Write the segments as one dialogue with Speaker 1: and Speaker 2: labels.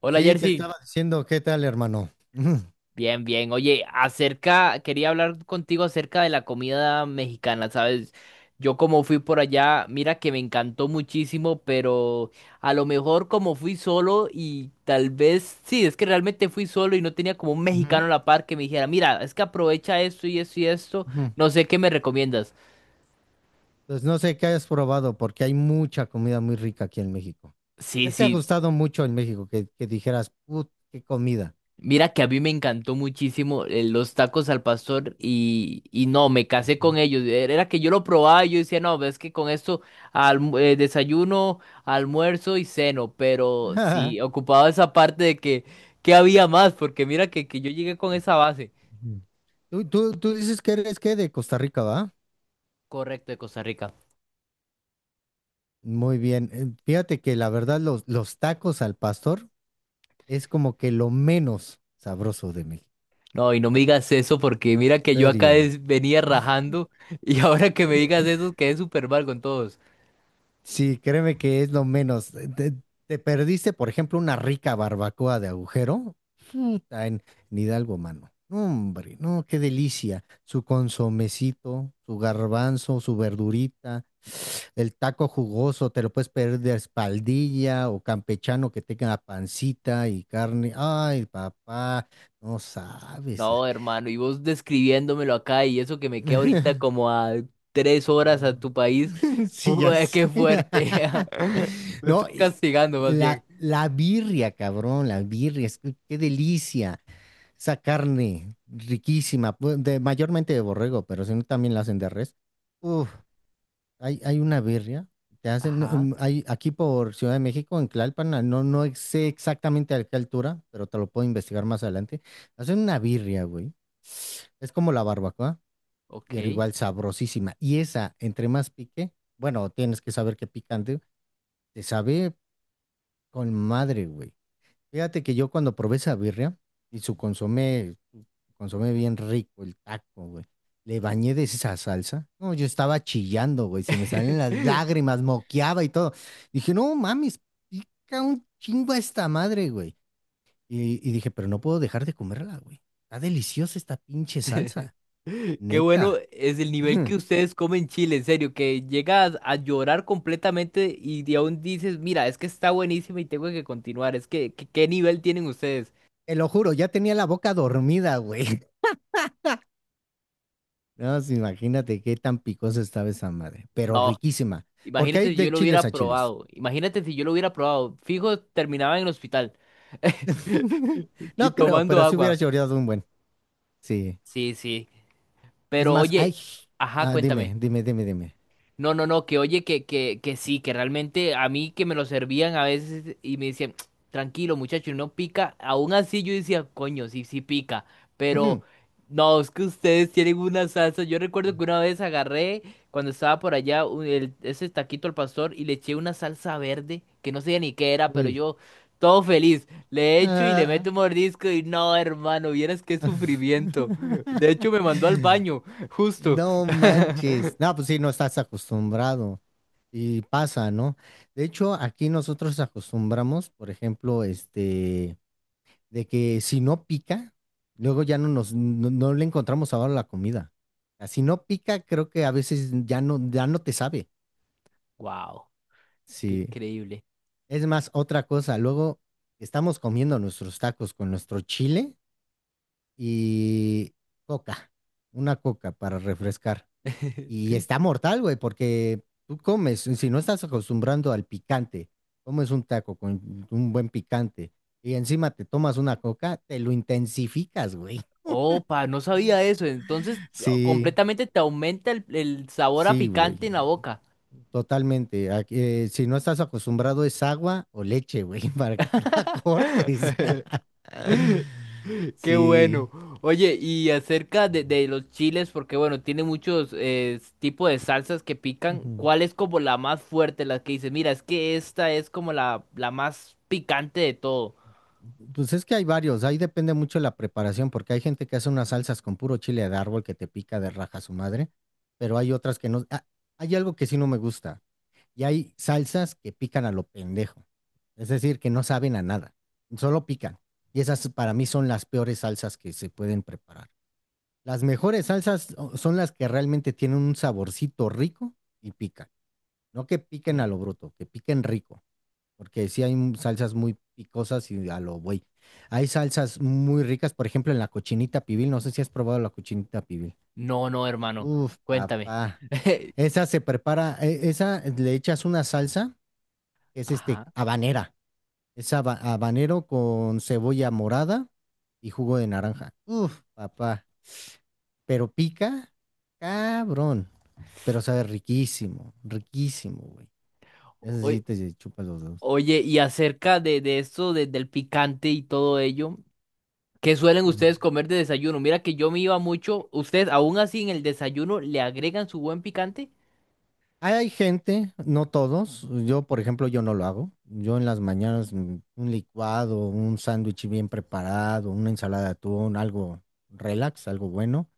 Speaker 1: Hola
Speaker 2: Sí, te
Speaker 1: Jersey,
Speaker 2: estaba diciendo, ¿qué tal, hermano? Ujú,
Speaker 1: bien, bien. Oye, acerca, quería hablar contigo acerca de la comida mexicana, ¿sabes? Yo como fui por allá, mira que me encantó muchísimo, pero a lo mejor como fui solo y tal vez, sí, es que realmente fui solo y no tenía como un mexicano
Speaker 2: ujú,
Speaker 1: a la par que me dijera, mira, es que aprovecha esto y esto y esto,
Speaker 2: ujú.
Speaker 1: no sé qué me recomiendas.
Speaker 2: Pues no sé qué hayas probado, porque hay mucha comida muy rica aquí en México.
Speaker 1: Sí,
Speaker 2: ¿Qué te ha
Speaker 1: sí.
Speaker 2: gustado mucho en México? Que dijeras, put, qué comida.
Speaker 1: Mira que a mí me encantó muchísimo los tacos al pastor y no, me casé con
Speaker 2: Ujú.
Speaker 1: ellos. Era que yo lo probaba y yo decía, no, ves que con esto desayuno, almuerzo y ceno, pero sí, ocupaba esa parte de que había más, porque mira que yo llegué con esa base.
Speaker 2: Ujú. Tú dices que eres que de Costa Rica, ¿va?
Speaker 1: Correcto, de Costa Rica.
Speaker 2: Muy bien. Fíjate que la verdad, los tacos al pastor es como que lo menos sabroso de México.
Speaker 1: No, y no me digas eso porque
Speaker 2: En
Speaker 1: mira que yo acá
Speaker 2: serio.
Speaker 1: venía rajando y ahora que me digas eso quedé súper mal con todos.
Speaker 2: Sí, créeme que es lo menos. Te perdiste, por ejemplo, una rica barbacoa de agujero. Puta, en Hidalgo, mano. No, hombre, no, qué delicia. Su consomecito, su garbanzo, su verdurita, el taco jugoso, te lo puedes pedir de espaldilla o campechano que tenga pancita y carne. Ay, papá, no sabes.
Speaker 1: No, hermano, y vos describiéndomelo acá y eso que me queda ahorita como a 3 horas a tu país.
Speaker 2: Sí, ya
Speaker 1: Ué,
Speaker 2: sé.
Speaker 1: qué fuerte. Me
Speaker 2: No,
Speaker 1: estás
Speaker 2: y
Speaker 1: castigando más bien.
Speaker 2: la birria, cabrón, la birria, es que qué delicia. Esa carne riquísima, de, mayormente de borrego, pero si no también la hacen de res. Uf, hay una birria, te hacen, no,
Speaker 1: Ajá,
Speaker 2: hay, aquí por Ciudad de México, en Tlalpan, no sé exactamente a qué altura, pero te lo puedo investigar más adelante. Hacen una birria, güey. Es como la barbacoa pero
Speaker 1: ok.
Speaker 2: igual sabrosísima. Y esa, entre más pique, bueno, tienes que saber que picante, te sabe con madre, güey. Fíjate que yo cuando probé esa birria y su consomé bien rico, el taco, güey. Le bañé de esa salsa. No, yo estaba chillando, güey. Se me salen las lágrimas, moqueaba y todo. Dije, no mames, pica un chingo a esta madre, güey. Y dije, pero no puedo dejar de comerla, güey. Está deliciosa esta pinche salsa,
Speaker 1: Qué bueno
Speaker 2: neta.
Speaker 1: es el nivel que ustedes comen chile, en serio, que llegas a llorar completamente y de aún dices, mira, es que está buenísima y tengo que continuar. Es ¿qué nivel tienen ustedes?
Speaker 2: Te lo juro, ya tenía la boca dormida, güey. No, pues, imagínate qué tan picosa estaba esa madre, pero
Speaker 1: No.
Speaker 2: riquísima, porque
Speaker 1: Imagínate
Speaker 2: hay
Speaker 1: si yo
Speaker 2: de
Speaker 1: lo
Speaker 2: chiles
Speaker 1: hubiera
Speaker 2: a chiles.
Speaker 1: probado. Imagínate si yo lo hubiera probado. Fijo, terminaba en el hospital y
Speaker 2: No creo,
Speaker 1: tomando
Speaker 2: pero si hubiera
Speaker 1: agua.
Speaker 2: llorado un buen. Sí.
Speaker 1: Sí, sí.
Speaker 2: Es
Speaker 1: Pero
Speaker 2: más,
Speaker 1: oye,
Speaker 2: ay,
Speaker 1: ajá,
Speaker 2: dime,
Speaker 1: cuéntame.
Speaker 2: dime, dime, dime.
Speaker 1: No, que oye, que sí, que realmente a mí que me lo servían a veces y me decían: "Tsk, tranquilo muchacho, no pica". Aún así yo decía, coño, sí pica, pero
Speaker 2: Ujú.
Speaker 1: no, es que ustedes tienen una salsa, yo recuerdo que una vez agarré cuando estaba por allá ese taquito al pastor y le eché una salsa verde, que no sé ni qué era, pero
Speaker 2: Uy.
Speaker 1: yo todo feliz, le echo y le meto
Speaker 2: Ah.
Speaker 1: un mordisco y no, hermano, vieras qué sufrimiento, de hecho me mandó al baño, justo,
Speaker 2: No manches. No, pues sí, no estás acostumbrado. Y pasa, ¿no? De hecho, aquí nosotros acostumbramos, por ejemplo, este, de que si no pica, luego ya no nos, no, no le encontramos sabor a la comida. Ah, si no pica, creo que a veces ya no te sabe.
Speaker 1: wow, qué
Speaker 2: Sí.
Speaker 1: increíble.
Speaker 2: Es más, otra cosa, luego estamos comiendo nuestros tacos con nuestro chile y coca, una coca para refrescar. Y está mortal, güey, porque tú comes, si no estás acostumbrando al picante, comes un taco con un buen picante y encima te tomas una coca, te lo intensificas, güey.
Speaker 1: Opa, no sabía eso. Entonces,
Speaker 2: Sí.
Speaker 1: completamente te aumenta el sabor a
Speaker 2: Sí, güey,
Speaker 1: picante en la boca.
Speaker 2: totalmente. Aquí, si no estás acostumbrado es agua o leche, güey, para que te la cortes.
Speaker 1: Qué
Speaker 2: Sí.
Speaker 1: bueno. Oye, y acerca de los chiles, porque bueno, tiene muchos tipos de salsas que pican.
Speaker 2: Ujú.
Speaker 1: ¿Cuál es como la más fuerte, la que dices, mira, es que esta es como la más picante de todo?
Speaker 2: Pues es que hay varios, ahí depende mucho la preparación, porque hay gente que hace unas salsas con puro chile de árbol que te pica de raja su madre, pero hay otras que no. Hay algo que sí no me gusta, y hay salsas que pican a lo pendejo, es decir, que no saben a nada, solo pican. Y esas para mí son las peores salsas que se pueden preparar. Las mejores salsas son las que realmente tienen un saborcito rico y pican. No que piquen a
Speaker 1: Ok.
Speaker 2: lo bruto, que piquen rico. Porque sí hay salsas muy picosas y a lo güey. Hay salsas muy ricas, por ejemplo, en la cochinita pibil. No sé si has probado la cochinita pibil.
Speaker 1: No, no, hermano.
Speaker 2: Uf,
Speaker 1: Cuéntame.
Speaker 2: papá. Esa se prepara, esa le echas una salsa, que es este,
Speaker 1: Ajá.
Speaker 2: habanera. Es habanero con cebolla morada y jugo de naranja. Uf, papá. Pero pica, cabrón. Pero sabe riquísimo, riquísimo, güey. Ese sí
Speaker 1: Oy-
Speaker 2: te chupa los dedos.
Speaker 1: Oye, y acerca de esto, del picante y todo ello. ¿Qué suelen
Speaker 2: Mm.
Speaker 1: ustedes comer de desayuno? Mira que yo me iba mucho. ¿Ustedes aún así en el desayuno le agregan su buen picante?
Speaker 2: Hay gente, no todos, yo por ejemplo, yo no lo hago. Yo en las mañanas un licuado, un sándwich bien preparado, una ensalada de atún, algo relax, algo bueno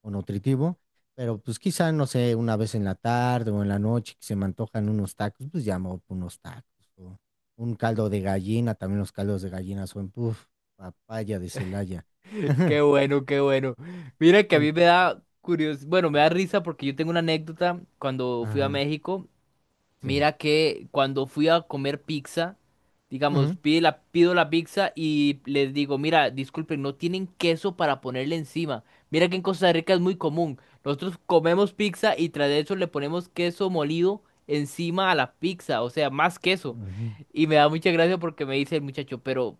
Speaker 2: o nutritivo. Pero pues quizá, no sé, una vez en la tarde o en la noche que se me antojan unos tacos, pues ya me voy por unos tacos. O un caldo de gallina, también los caldos de gallina son, papaya de Celaya.
Speaker 1: Qué bueno, qué bueno. Mira que a mí
Speaker 2: En-
Speaker 1: me da curiosidad, bueno, me da risa porque yo tengo una anécdota cuando fui a
Speaker 2: Ajá,
Speaker 1: México.
Speaker 2: sí.
Speaker 1: Mira que cuando fui a comer pizza, digamos,
Speaker 2: Ujú.
Speaker 1: pido la pizza y les digo, mira, disculpen, no tienen queso para ponerle encima. Mira que en Costa Rica es muy común. Nosotros comemos pizza y tras de eso le ponemos queso molido encima a la pizza, o sea, más queso.
Speaker 2: Ujú.
Speaker 1: Y me da mucha gracia porque me dice el muchacho, pero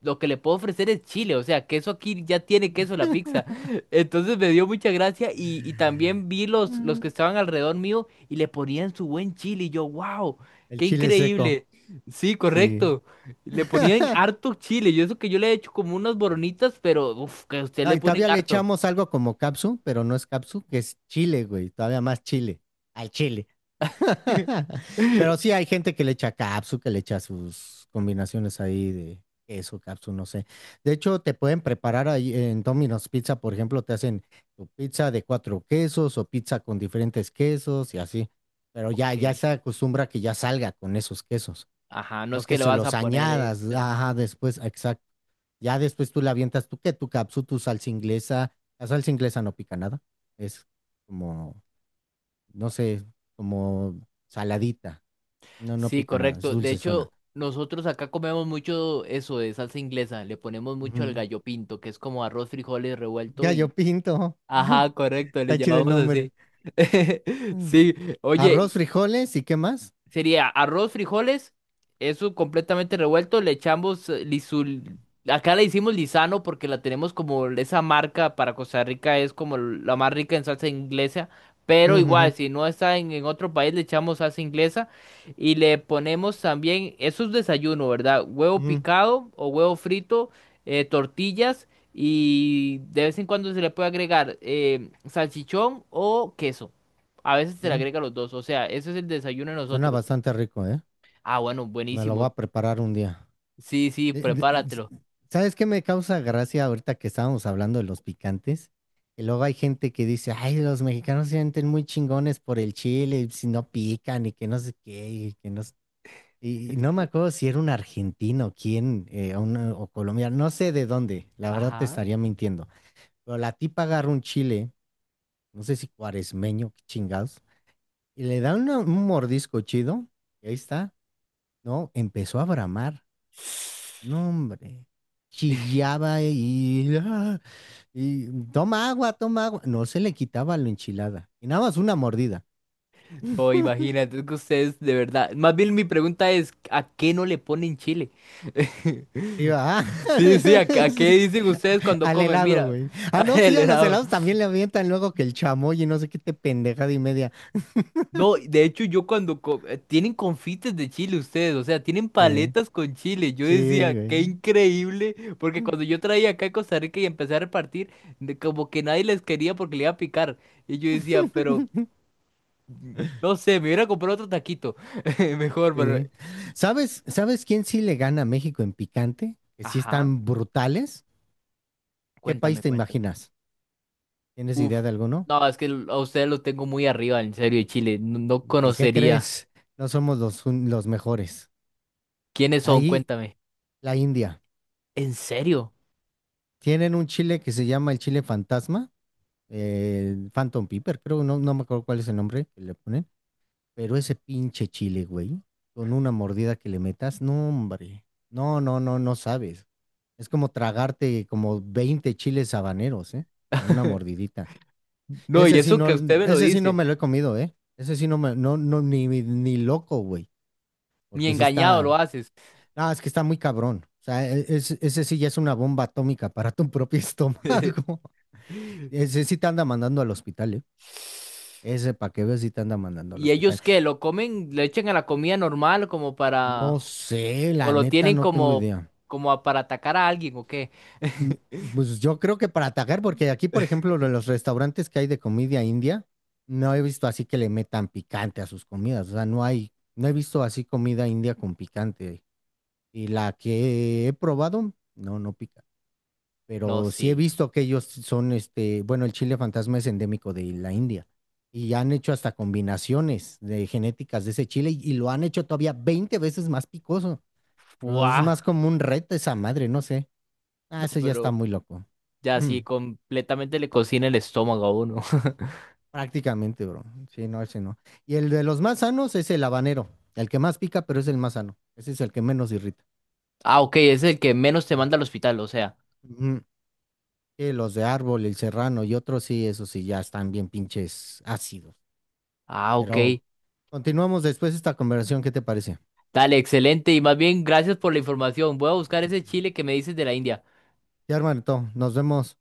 Speaker 1: lo que le puedo ofrecer es chile, o sea, queso aquí ya tiene queso la pizza. Entonces me dio mucha gracia y también vi los que
Speaker 2: Mm,
Speaker 1: estaban alrededor mío y le ponían su buen chile. Y yo, wow,
Speaker 2: el
Speaker 1: qué
Speaker 2: chile seco,
Speaker 1: increíble. Sí,
Speaker 2: sí.
Speaker 1: correcto. Le ponían harto chile. Yo eso que yo le he hecho como unas boronitas, pero uf, que a usted le
Speaker 2: Ay,
Speaker 1: ponen
Speaker 2: todavía le
Speaker 1: harto.
Speaker 2: echamos algo como capsu, pero no es capsu, que es chile, güey. Todavía más chile. Al chile. Pero sí hay gente que le echa capsu, que le echa sus combinaciones ahí de queso, capsu, no sé. De hecho, te pueden preparar ahí en Domino's Pizza, por ejemplo, te hacen tu pizza de cuatro quesos o pizza con diferentes quesos y así. Pero ya
Speaker 1: Ok.
Speaker 2: se acostumbra que ya salga con esos quesos.
Speaker 1: Ajá, no
Speaker 2: No
Speaker 1: es que
Speaker 2: que
Speaker 1: le
Speaker 2: se
Speaker 1: vas a
Speaker 2: los
Speaker 1: poner
Speaker 2: añadas,
Speaker 1: extra.
Speaker 2: ajá, después, exacto. Ya después tú la avientas, tú que tu capsu, tu salsa inglesa. La salsa inglesa no pica nada. Es como, no sé, como saladita. No, no
Speaker 1: Sí,
Speaker 2: pica nada, es
Speaker 1: correcto. De
Speaker 2: dulce zona.
Speaker 1: hecho, nosotros acá comemos mucho eso de salsa inglesa. Le ponemos mucho al gallo pinto, que es como arroz, frijoles revuelto
Speaker 2: Ya yo
Speaker 1: y...
Speaker 2: pinto.
Speaker 1: Ajá, correcto, le
Speaker 2: Está chido el
Speaker 1: llamamos
Speaker 2: nombre.
Speaker 1: así.
Speaker 2: Mm.
Speaker 1: Sí,
Speaker 2: Arroz,
Speaker 1: oye,
Speaker 2: frijoles y qué más.
Speaker 1: sería arroz, frijoles, eso completamente revuelto, le echamos lisul... Acá le hicimos lisano porque la tenemos como esa marca para Costa Rica es como la más rica en salsa inglesa, pero
Speaker 2: Ujú, ujú,
Speaker 1: igual si no está en otro país le echamos salsa inglesa y le ponemos también, eso es desayuno, ¿verdad? Huevo picado o huevo frito, tortillas y de vez en cuando se le puede agregar salchichón o queso. A veces se le
Speaker 2: ujú. Ujú.
Speaker 1: agrega los dos, o sea, ese es el desayuno de
Speaker 2: Suena
Speaker 1: nosotros.
Speaker 2: bastante rico, ¿eh?
Speaker 1: Ah, bueno,
Speaker 2: Me lo
Speaker 1: buenísimo.
Speaker 2: voy a preparar un día.
Speaker 1: Sí, sí,
Speaker 2: De- de-
Speaker 1: prepáratelo.
Speaker 2: ¿Sabes qué me causa gracia ahorita que estábamos hablando de los picantes? Que luego hay gente que dice, ay, los mexicanos se sienten muy chingones por el chile, y si no pican y que no sé qué, y que no sé-". Y no me acuerdo si era un argentino, quién, o colombiano, no sé de dónde, la verdad te
Speaker 1: Ajá.
Speaker 2: estaría mintiendo. Pero la tipa agarra un chile, no sé si cuaresmeño, qué chingados, y le da un mordisco chido, y ahí está, ¿no? Empezó a bramar. No, hombre. Chillaba y toma agua, toma agua. No se le quitaba la enchilada. Y nada más una mordida.
Speaker 1: No, imagínate es que ustedes de verdad. Más bien mi pregunta es, ¿a qué no le ponen chile?
Speaker 2: Iba,
Speaker 1: Sí, sí, a qué dicen ustedes cuando
Speaker 2: al
Speaker 1: comen?
Speaker 2: helado,
Speaker 1: Mira,
Speaker 2: güey. Ah, no, sí,
Speaker 1: el
Speaker 2: a los
Speaker 1: helado.
Speaker 2: helados también le avientan luego que el chamoy y no sé qué te pendejada y media.
Speaker 1: No, de hecho yo tienen confites de chile ustedes, o sea, tienen
Speaker 2: Sí,
Speaker 1: paletas con chile. Yo
Speaker 2: sí,
Speaker 1: decía, qué
Speaker 2: güey.
Speaker 1: increíble, porque cuando yo traía acá a Costa Rica y empecé a repartir, como que nadie les quería porque le iba a picar. Y yo decía, pero no sé, me hubiera comprado otro taquito. Mejor, pero.
Speaker 2: Sí. ¿Sabes quién sí le gana a México en picante? Que sí
Speaker 1: Ajá.
Speaker 2: están brutales. ¿Qué país
Speaker 1: Cuéntame,
Speaker 2: te
Speaker 1: cuéntame.
Speaker 2: imaginas? ¿Tienes
Speaker 1: Uf.
Speaker 2: idea de alguno?
Speaker 1: No, es que a ustedes lo tengo muy arriba, en serio, de Chile. No, no
Speaker 2: Pues, ¿qué
Speaker 1: conocería.
Speaker 2: crees? No somos los mejores.
Speaker 1: ¿Quiénes son?
Speaker 2: Ahí,
Speaker 1: Cuéntame.
Speaker 2: la India.
Speaker 1: ¿En serio?
Speaker 2: Tienen un chile que se llama el chile fantasma, el Phantom pepper creo, no, no me acuerdo cuál es el nombre que le ponen, pero ese pinche chile, güey, con una mordida que le metas, no, hombre, no sabes. Es como tragarte como 20 chiles habaneros, ¿eh? En una mordidita.
Speaker 1: No, y
Speaker 2: Ese sí
Speaker 1: eso
Speaker 2: no,
Speaker 1: que usted me lo
Speaker 2: ese sí no
Speaker 1: dice.
Speaker 2: me lo he comido, ¿eh? Ese sí no me, no, ni loco, güey,
Speaker 1: Ni
Speaker 2: porque sí
Speaker 1: engañado
Speaker 2: está.
Speaker 1: lo haces.
Speaker 2: No, es que está muy cabrón. O sea, ese sí ya es una bomba atómica para tu propio estómago. Ese sí te anda mandando al hospital, ¿eh? Ese para que veas sí te anda mandando al
Speaker 1: ¿Y
Speaker 2: hospital.
Speaker 1: ellos qué? ¿Lo comen? ¿Le echan a la comida normal como
Speaker 2: No
Speaker 1: para...
Speaker 2: sé,
Speaker 1: o
Speaker 2: la
Speaker 1: lo
Speaker 2: neta,
Speaker 1: tienen
Speaker 2: no tengo
Speaker 1: como,
Speaker 2: idea.
Speaker 1: para atacar a alguien o qué?
Speaker 2: Mm, Pues yo creo que para atacar, porque aquí, por ejemplo, lo de los restaurantes que hay de comida india, no he visto así que le metan picante a sus comidas. O sea, no hay, no he visto así comida india con picante. Y la que he probado, no,
Speaker 1: No,
Speaker 2: pero sí he
Speaker 1: sí.
Speaker 2: visto que ellos son, este, bueno, el chile fantasma es endémico de la India y han hecho hasta combinaciones de genéticas de ese chile y lo han hecho todavía 20 veces más picoso, pero es
Speaker 1: Buah.
Speaker 2: más como un reto esa madre, no sé. Ah,
Speaker 1: No,
Speaker 2: ese ya está
Speaker 1: pero...
Speaker 2: muy loco.
Speaker 1: Ya
Speaker 2: Mm,
Speaker 1: sí, completamente le cocina el estómago a uno.
Speaker 2: prácticamente, bro. Sí, no, ese no. Y el de los más sanos es el habanero, el que más pica, pero es el más sano. Ese es el que menos irrita.
Speaker 1: Ah, ok, es el que menos te
Speaker 2: Mm.
Speaker 1: manda al hospital, o sea.
Speaker 2: Ujú. Sí, los de árbol, el serrano y otros, sí, esos sí ya están bien pinches ácidos.
Speaker 1: Ah, ok.
Speaker 2: Pero continuamos después esta conversación, ¿qué te parece?
Speaker 1: Dale, excelente. Y más bien, gracias por la información. Voy a buscar ese chile que me dices de la India.
Speaker 2: Ya, hermanito, nos vemos.